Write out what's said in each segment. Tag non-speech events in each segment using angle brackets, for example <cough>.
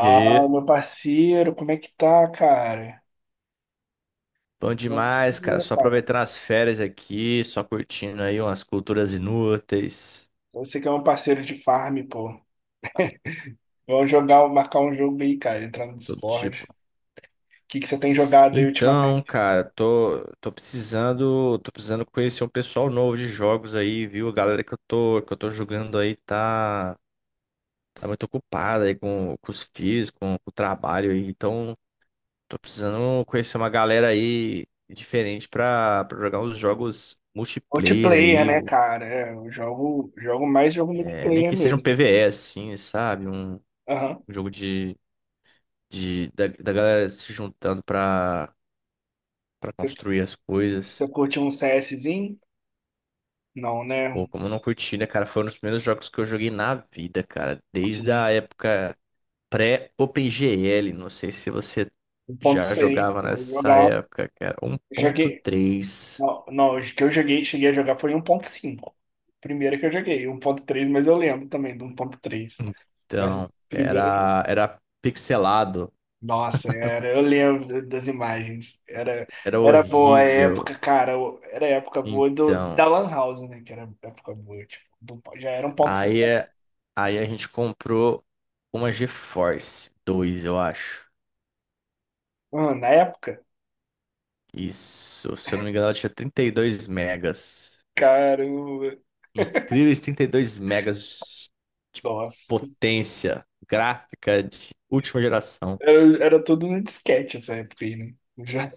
E aí, meu parceiro, como é que tá, cara? bom demais, cara. Tranquilo, Só cara. aproveitando as férias aqui, só curtindo aí umas culturas inúteis, Você que é um parceiro de farm, pô. Vamos jogar, marcar um jogo aí, cara, entrar no todo Discord. tipo. O que que você tem jogado aí Então, ultimamente? cara, tô precisando conhecer um pessoal novo de jogos aí, viu? A galera que eu tô jogando aí tá muito ocupada aí com os filhos, com o trabalho aí. Então, tô precisando conhecer uma galera aí diferente pra jogar uns jogos multiplayer Multiplayer, aí, né, cara? É, eu jogo, jogo mais jogo é, nem multiplayer que seja um mesmo. PvE assim, sabe? Um, Aham. Um jogo da galera se juntando pra Você construir as você coisas. curte um CSzinho? Não, Pô, né? como eu não curti, né, cara? Foi um dos primeiros jogos que eu joguei na vida, cara. Desde Sim. a época pré-OpenGL. Não sei se você Um ponto já seis, jogava pô, eu nessa jogava. época, cara. um ponto Joguei. três Não, os que eu joguei, cheguei a jogar foi um ponto cinco. Primeiro que eu joguei, um ponto três, mas eu lembro também do 1.3. Mas o Então, primeiro eu joguei. era pixelado. Nossa, eu lembro das imagens. Era, Era era boa a horrível. época, cara. Era a época boa Então, da Lan House, né? Que era a época boa. Tipo, já era um aí, 1.5. é- aí a gente comprou uma GeForce 2, eu acho. Ah, na época, Isso, se eu não me engano, ela tinha 32 megas. cara, Incríveis 32 megas de nossa. potência gráfica de última geração. Era, era tudo no disquete essa época aí, né? Já,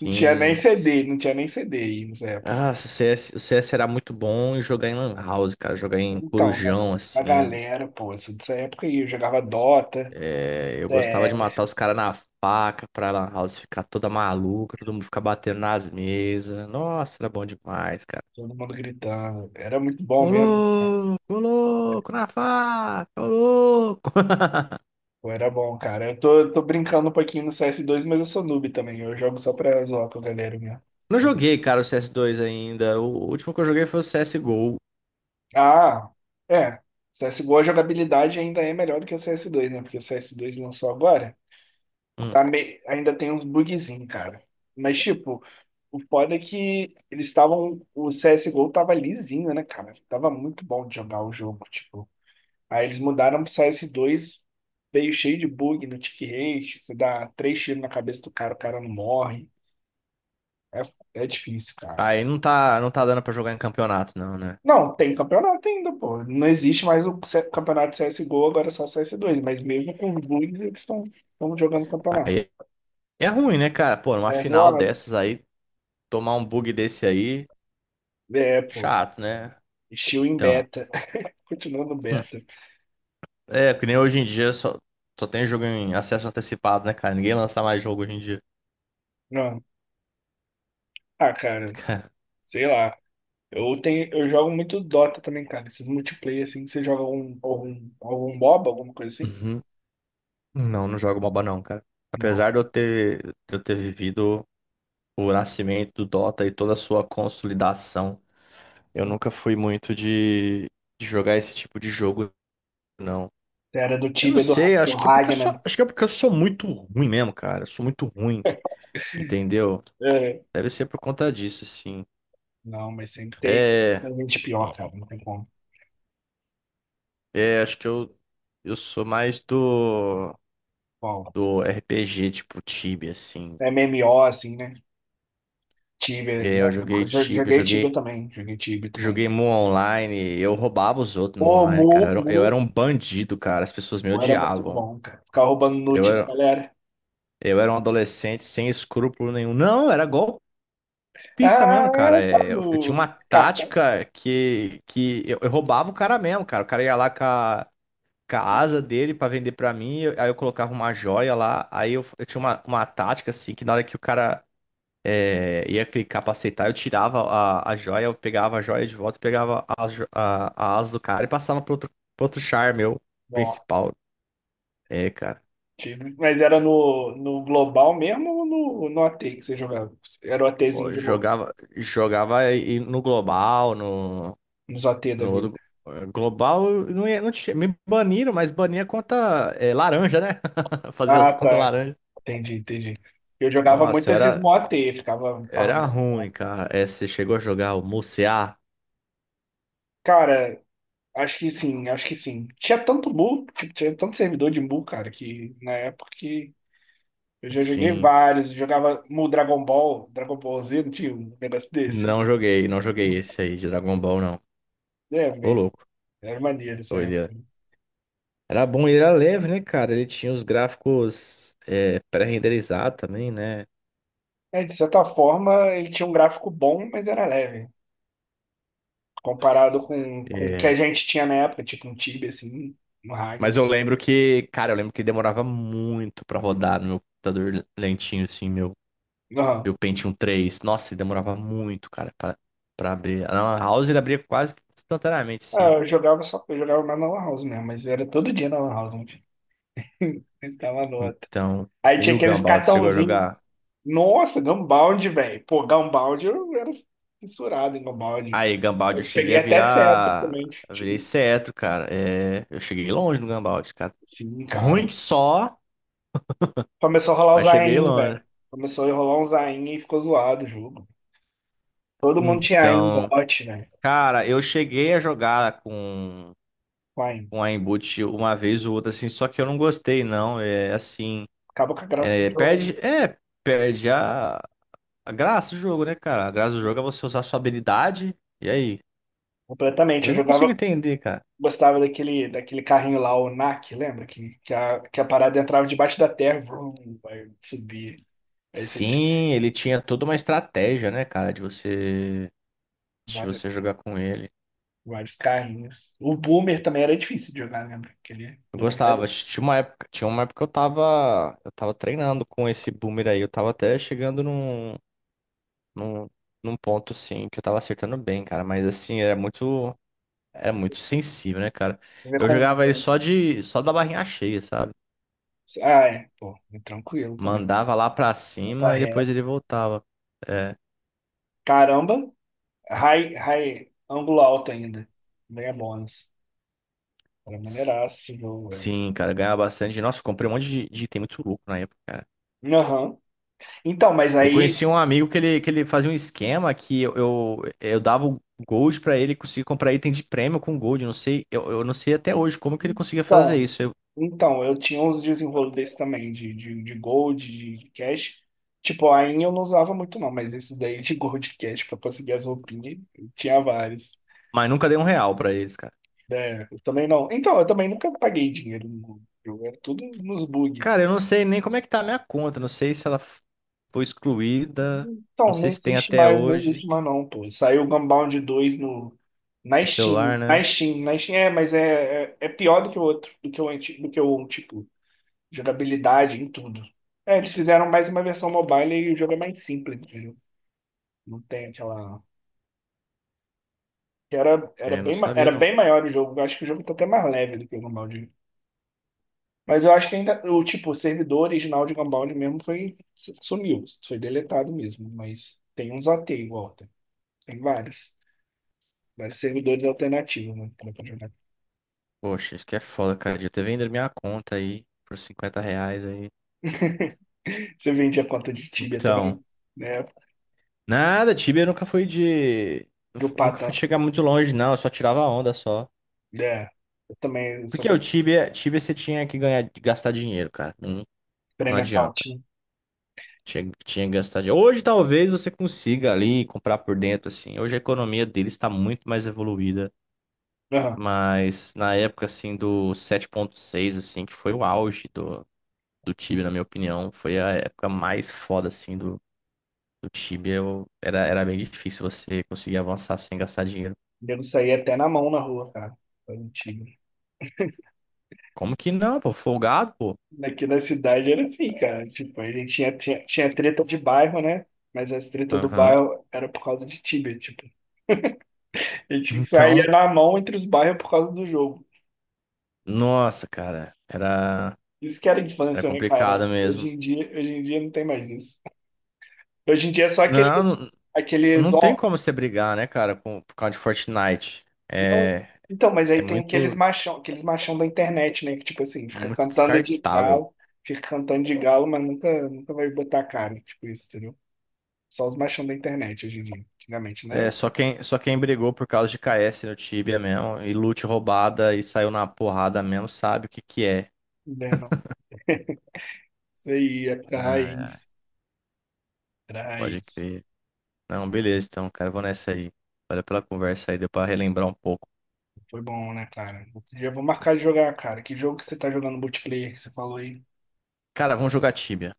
não tinha nem CD, não tinha nem CD aí nessa época. Ah, se o CS, o CS era muito bom em jogar em Lan House, cara. Jogar em Então, na Corujão, a assim. galera, pô, isso dessa época aí, eu jogava Dota, É, eu gostava de CS, matar os caras na faca pra Lan House ficar toda maluca, todo mundo ficar batendo nas mesas. Nossa, era bom demais, cara. todo mundo gritando. Era muito bom mesmo. Ô louco, na faca, ô louco. <laughs> Pô, era bom, cara. Eu tô brincando um pouquinho no cs dois, mas eu sou noob também. Eu jogo só pra zoar com a galera mesmo. Não Quando- joguei, cara, o CS2 ainda. O último que eu joguei foi o CSGO. Ah, é. CSGO, a jogabilidade ainda é melhor do que o cs dois, né? Porque o cs dois lançou agora. Hum. Tá me... Ainda tem uns bugzinhos, cara. Mas, tipo, o foda é que eles estavam. O CSGO tava lisinho, né, cara? Tava muito bom de jogar o jogo. Tipo, aí eles mudaram pro cs dois, veio cheio de bug no tick rate, você dá três tiros na cabeça do cara, o cara não morre. É, é difícil, cara. Aí não tá dando pra jogar em campeonato, não, né? Não, tem campeonato ainda, pô. Não existe mais o campeonato de CSGO, agora é só cs dois. Mas mesmo com os bugs, eles estão jogando campeonato. Aí é ruim, né, cara? Pô, numa É final zoado. dessas aí, tomar um bug desse aí, É, pô. chato, né? Estilo em Então, beta. <laughs> Continuando hum. beta. é, que nem hoje em dia só tem jogo em acesso antecipado, né, cara? Ninguém lança mais jogo hoje em dia. Não. Ah, <laughs> cara, Cara, sei lá. Eu tenho, eu jogo muito Dota também, cara. Esses multiplayer, assim, você joga algum MOBA, alguma coisa assim? uhum. Não, não jogo MOBA não, cara. Não. Apesar de eu ter, vivido o nascimento do Dota e toda a sua consolidação. Eu nunca fui muito de jogar esse tipo de jogo, não. Era do Eu não Tibia, do, sei, do acho que é porque eu sou, Ragnar. acho que é porque eu sou muito ruim mesmo, cara. Eu sou muito ruim, <laughs> entendeu? É. Deve ser por conta disso, sim. Não, mas sempre tem É, tem gente pior, cara. Não tem como. é, acho que eu, sou mais do, Bom, do RPG, tipo Tibia, assim. MMO, assim, né? Tibia. É, Na eu época, joguei Tibia, eu joguei Tibia joguei, também. Joguei Tibia também. joguei Mu Online, eu roubava os outros no Mu Pô, Online, cara. Mu, Eu era Mu, um bandido, cara. As pessoas me Mu era muito odiavam. bom, cara. Ficar roubando Eu loot da era, galera. eu era um adolescente sem escrúpulo nenhum. Não, era golpe. Pista Ah, mesmo, cara. tá É, eu, tinha uma no cartão. tática que eu roubava o cara mesmo, cara. O cara ia lá com a asa dele pra vender pra mim, aí eu colocava uma joia lá. Aí eu tinha uma tática assim, que na hora que o cara ia clicar pra aceitar, eu tirava a joia, eu pegava a joia de volta, pegava a asa do cara e passava pro outro char meu Bom, principal. É, cara. Tibia. Mas era no global mesmo ou no OT que você jogava? Era o Ó, OTzinho de Mu. Jogava e no global, no. Nos OT da No vida. outro global, eu não ia, não tinha, me baniram, mas bania conta laranja, né? <laughs> Fazia Ah, as contas tá. laranja. Entendi, entendi. Eu jogava Nossa, muito eu esses era, moatê, ficava eu era farmando. ruim, cara. Você chegou a jogar o Musear? Cara, acho que sim, acho que sim. Tinha tanto mu, tipo, tinha tanto servidor de mu, cara, que na época que eu já joguei Sim. vários, jogava mu Dragon Ball, Dragon Ball Z, não tinha um negócio desse. Não joguei esse aí de Dragon Ball, não. É, Ô mas louco, era maneiro essa doideira. época. Era bom, ele era leve, né, cara? Ele tinha os gráficos pré-renderizados também, né? É, de certa forma, ele tinha um gráfico bom, mas era leve. Comparado com o que a É, gente tinha na época, tipo um Tibia, assim, no mas Ragnar. eu lembro que, cara, eu lembro que demorava muito pra rodar no meu computador lentinho, assim, meu. E o Pentium 3, nossa, ele demorava muito, cara, pra abrir. Na Lan House ele abria quase que instantaneamente, Ah, sim. eu jogava só, eu jogava mais na Lan House mesmo, mas era todo dia na Lan House, meu filho. <laughs> Mas tava nota. Então, <laughs> Aí e tinha o aqueles Gumball, você chegou a cartãozinhos. jogar? Nossa, Gunbound, velho. Pô, Gunbound, eu era fissurado em Gunbound. Aí, Gumball, eu Eu cheguei peguei a até certo virar. também. Eu virei cetro, cara. É, eu cheguei longe no Gumball, cara. Sim, Ruim cara. que só, Começou a rolar o mas cheguei Zain, longe. velho. Começou a rolar um Zain e ficou zoado o jogo. Todo mundo tinha Aim Então, bot, né? cara, eu cheguei a jogar com. Com Aim. Com a Inboot uma vez ou outra, assim, só que eu não gostei, não. É assim, Acabou com a graça do é, jogo, perde, é, perde a graça do jogo, né, cara? A graça do né? jogo é você usar sua habilidade. E aí? Completamente. Eu Eu não jogava. consigo entender, cara. Gostava daquele, daquele carrinho lá, o NAC, lembra? Que a parada entrava debaixo da terra, vrum, vai subir. Aí você tinha Sim, ele tinha toda uma estratégia, né, cara, de você, de vários, você jogar com ele. vários carrinhos. O Boomer também era difícil de jogar, lembra? Aquele Eu do Boomer. Gostava. Tinha uma época que eu tava treinando com esse boomer aí. Eu tava até chegando num, num, num ponto, assim, que eu tava acertando bem, cara. Mas, assim, era muito sensível, né, cara? Ver Eu como o jogava ele Boomer. só da barrinha cheia, sabe? Ah, é. Pô, é tranquilo também. Mandava lá pra Bota cima e depois reto. ele voltava. É. Caramba, ângulo alto ainda. Ganha bônus. Era maneiraço, esse jogo, velho. Sim, cara, ganhava bastante. Nossa, comprei um monte de item muito louco na época, cara. Aham. Então, mas Eu aí. conheci um amigo que ele, fazia um esquema que eu dava o gold pra ele conseguir comprar item de prêmio com gold. Eu não sei, eu não sei até hoje como que ele conseguia fazer Então, isso. Eu- então, eu tinha uns desenrolos desse também, de gold, de cash. Tipo, a Ain eu não usava muito não, mas esses daí de gold e cash pra conseguir as roupinhas, eu tinha vários. mas nunca dei um real pra eles, cara. É, eu também não. Então, eu também nunca paguei dinheiro no Google. Eu era tudo nos bug. Cara, eu não sei nem como é que tá a minha conta. Não sei se ela foi excluída. Não Então, não sei se tem existe até mais, não hoje existe mais não, pô. Saiu o Gunbound 2 no, na no Steam, celular, na né? Steam, na Steam, é, mas é, é pior do que o outro, do que o, do que o um, tipo. Jogabilidade em tudo. É, eles fizeram mais uma versão mobile e o jogo é mais simples, entendeu? Não tem aquela. Que era, era, É, não bem, sabia, era não. bem maior o jogo. Eu acho que o jogo tá até mais leve do que o Gunbound. Mas eu acho que ainda. O tipo, o servidor original de Gunbound mesmo foi. Sumiu. Foi deletado mesmo. Mas tem uns AT igual. Tem, tem vários. Vários servidores alternativos, né? Que dá pra jogar. Poxa, isso que é foda, cara. Devia ter vendido minha conta aí por R$ 50 aí. <laughs> Você vende a conta de Tibia Então. também, né? Nada, Tibia nunca foi de. Dropar Nunca fui tanto. chegar muito longe, não. Eu só tirava onda só. É. Eu também Porque sou o Tibia você tinha que ganhar, gastar dinheiro, cara. Não, não Premium account, adianta. né? Tinha que gastar dinheiro. Hoje talvez você consiga ali comprar por dentro, assim. Hoje a economia deles está muito mais evoluída. Aham. Mas na época, assim, do 7.6 assim, que foi o auge do, do, Tibia, na minha opinião, foi a época mais foda, assim, do Tibia. Era bem difícil você conseguir avançar sem gastar dinheiro. Devo sair até na mão na rua, cara. Foi mentira. Como que não, pô? Folgado, pô. Aqui na cidade era assim, cara. Tipo, a gente tinha treta de bairro, né? Mas as tretas do Aham. bairro era por causa de time, tipo. A gente saía Então, na mão entre os bairros por causa do jogo. nossa, cara, era, Isso que era era infância, né, cara? complicado mesmo. Hoje em dia não tem mais isso. Hoje em dia é só Não, não aqueles, não tem on- como você brigar, né, cara, com, por causa de Fortnite. não, É, então, mas aí é, tem muito, aqueles machão da internet, né? Que tipo assim, fica muito cantando de descartável. galo, fica cantando de galo, mas nunca vai botar a cara, tipo isso, entendeu? Só os machão da internet hoje em dia. Antigamente, não era É, assim. só quem brigou por causa de KS no Tibia mesmo, e loot roubada e saiu na porrada mesmo, sabe o que que é. Não era, não. <laughs> Isso aí, época Ai, ai, raiz. Era pode raiz. crer. Não, beleza, então, cara, eu vou nessa aí. Valeu pela conversa aí, deu pra relembrar um pouco. Foi bom, né, cara? Outro dia eu vou marcar de jogar, cara. Que jogo que você tá jogando multiplayer que você falou aí? Cara, vamos jogar Tibia.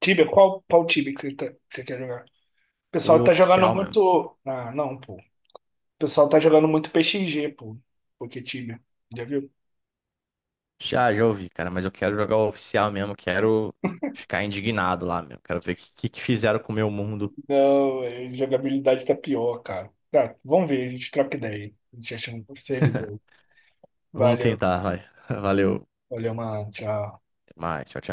Tibia, qual, qual Tibia que você, que você quer jogar? O pessoal O tá jogando oficial mesmo. muito. Ah, não, pô. O pessoal tá jogando muito PXG, pô. Porque Tibia. Já viu? Já, já ouvi, cara, mas eu quero jogar o oficial mesmo, quero ficar indignado lá mesmo. Quero ver o que, que fizeram com o meu mundo. Não, é, jogabilidade tá pior, cara. Tá, vamos ver, a gente troca ideia aí. A gente acha um servidor. Vamos Valeu. tentar, vai. <laughs> Valeu. Valeu, mano. Tchau. Até mais, tchau, tchau.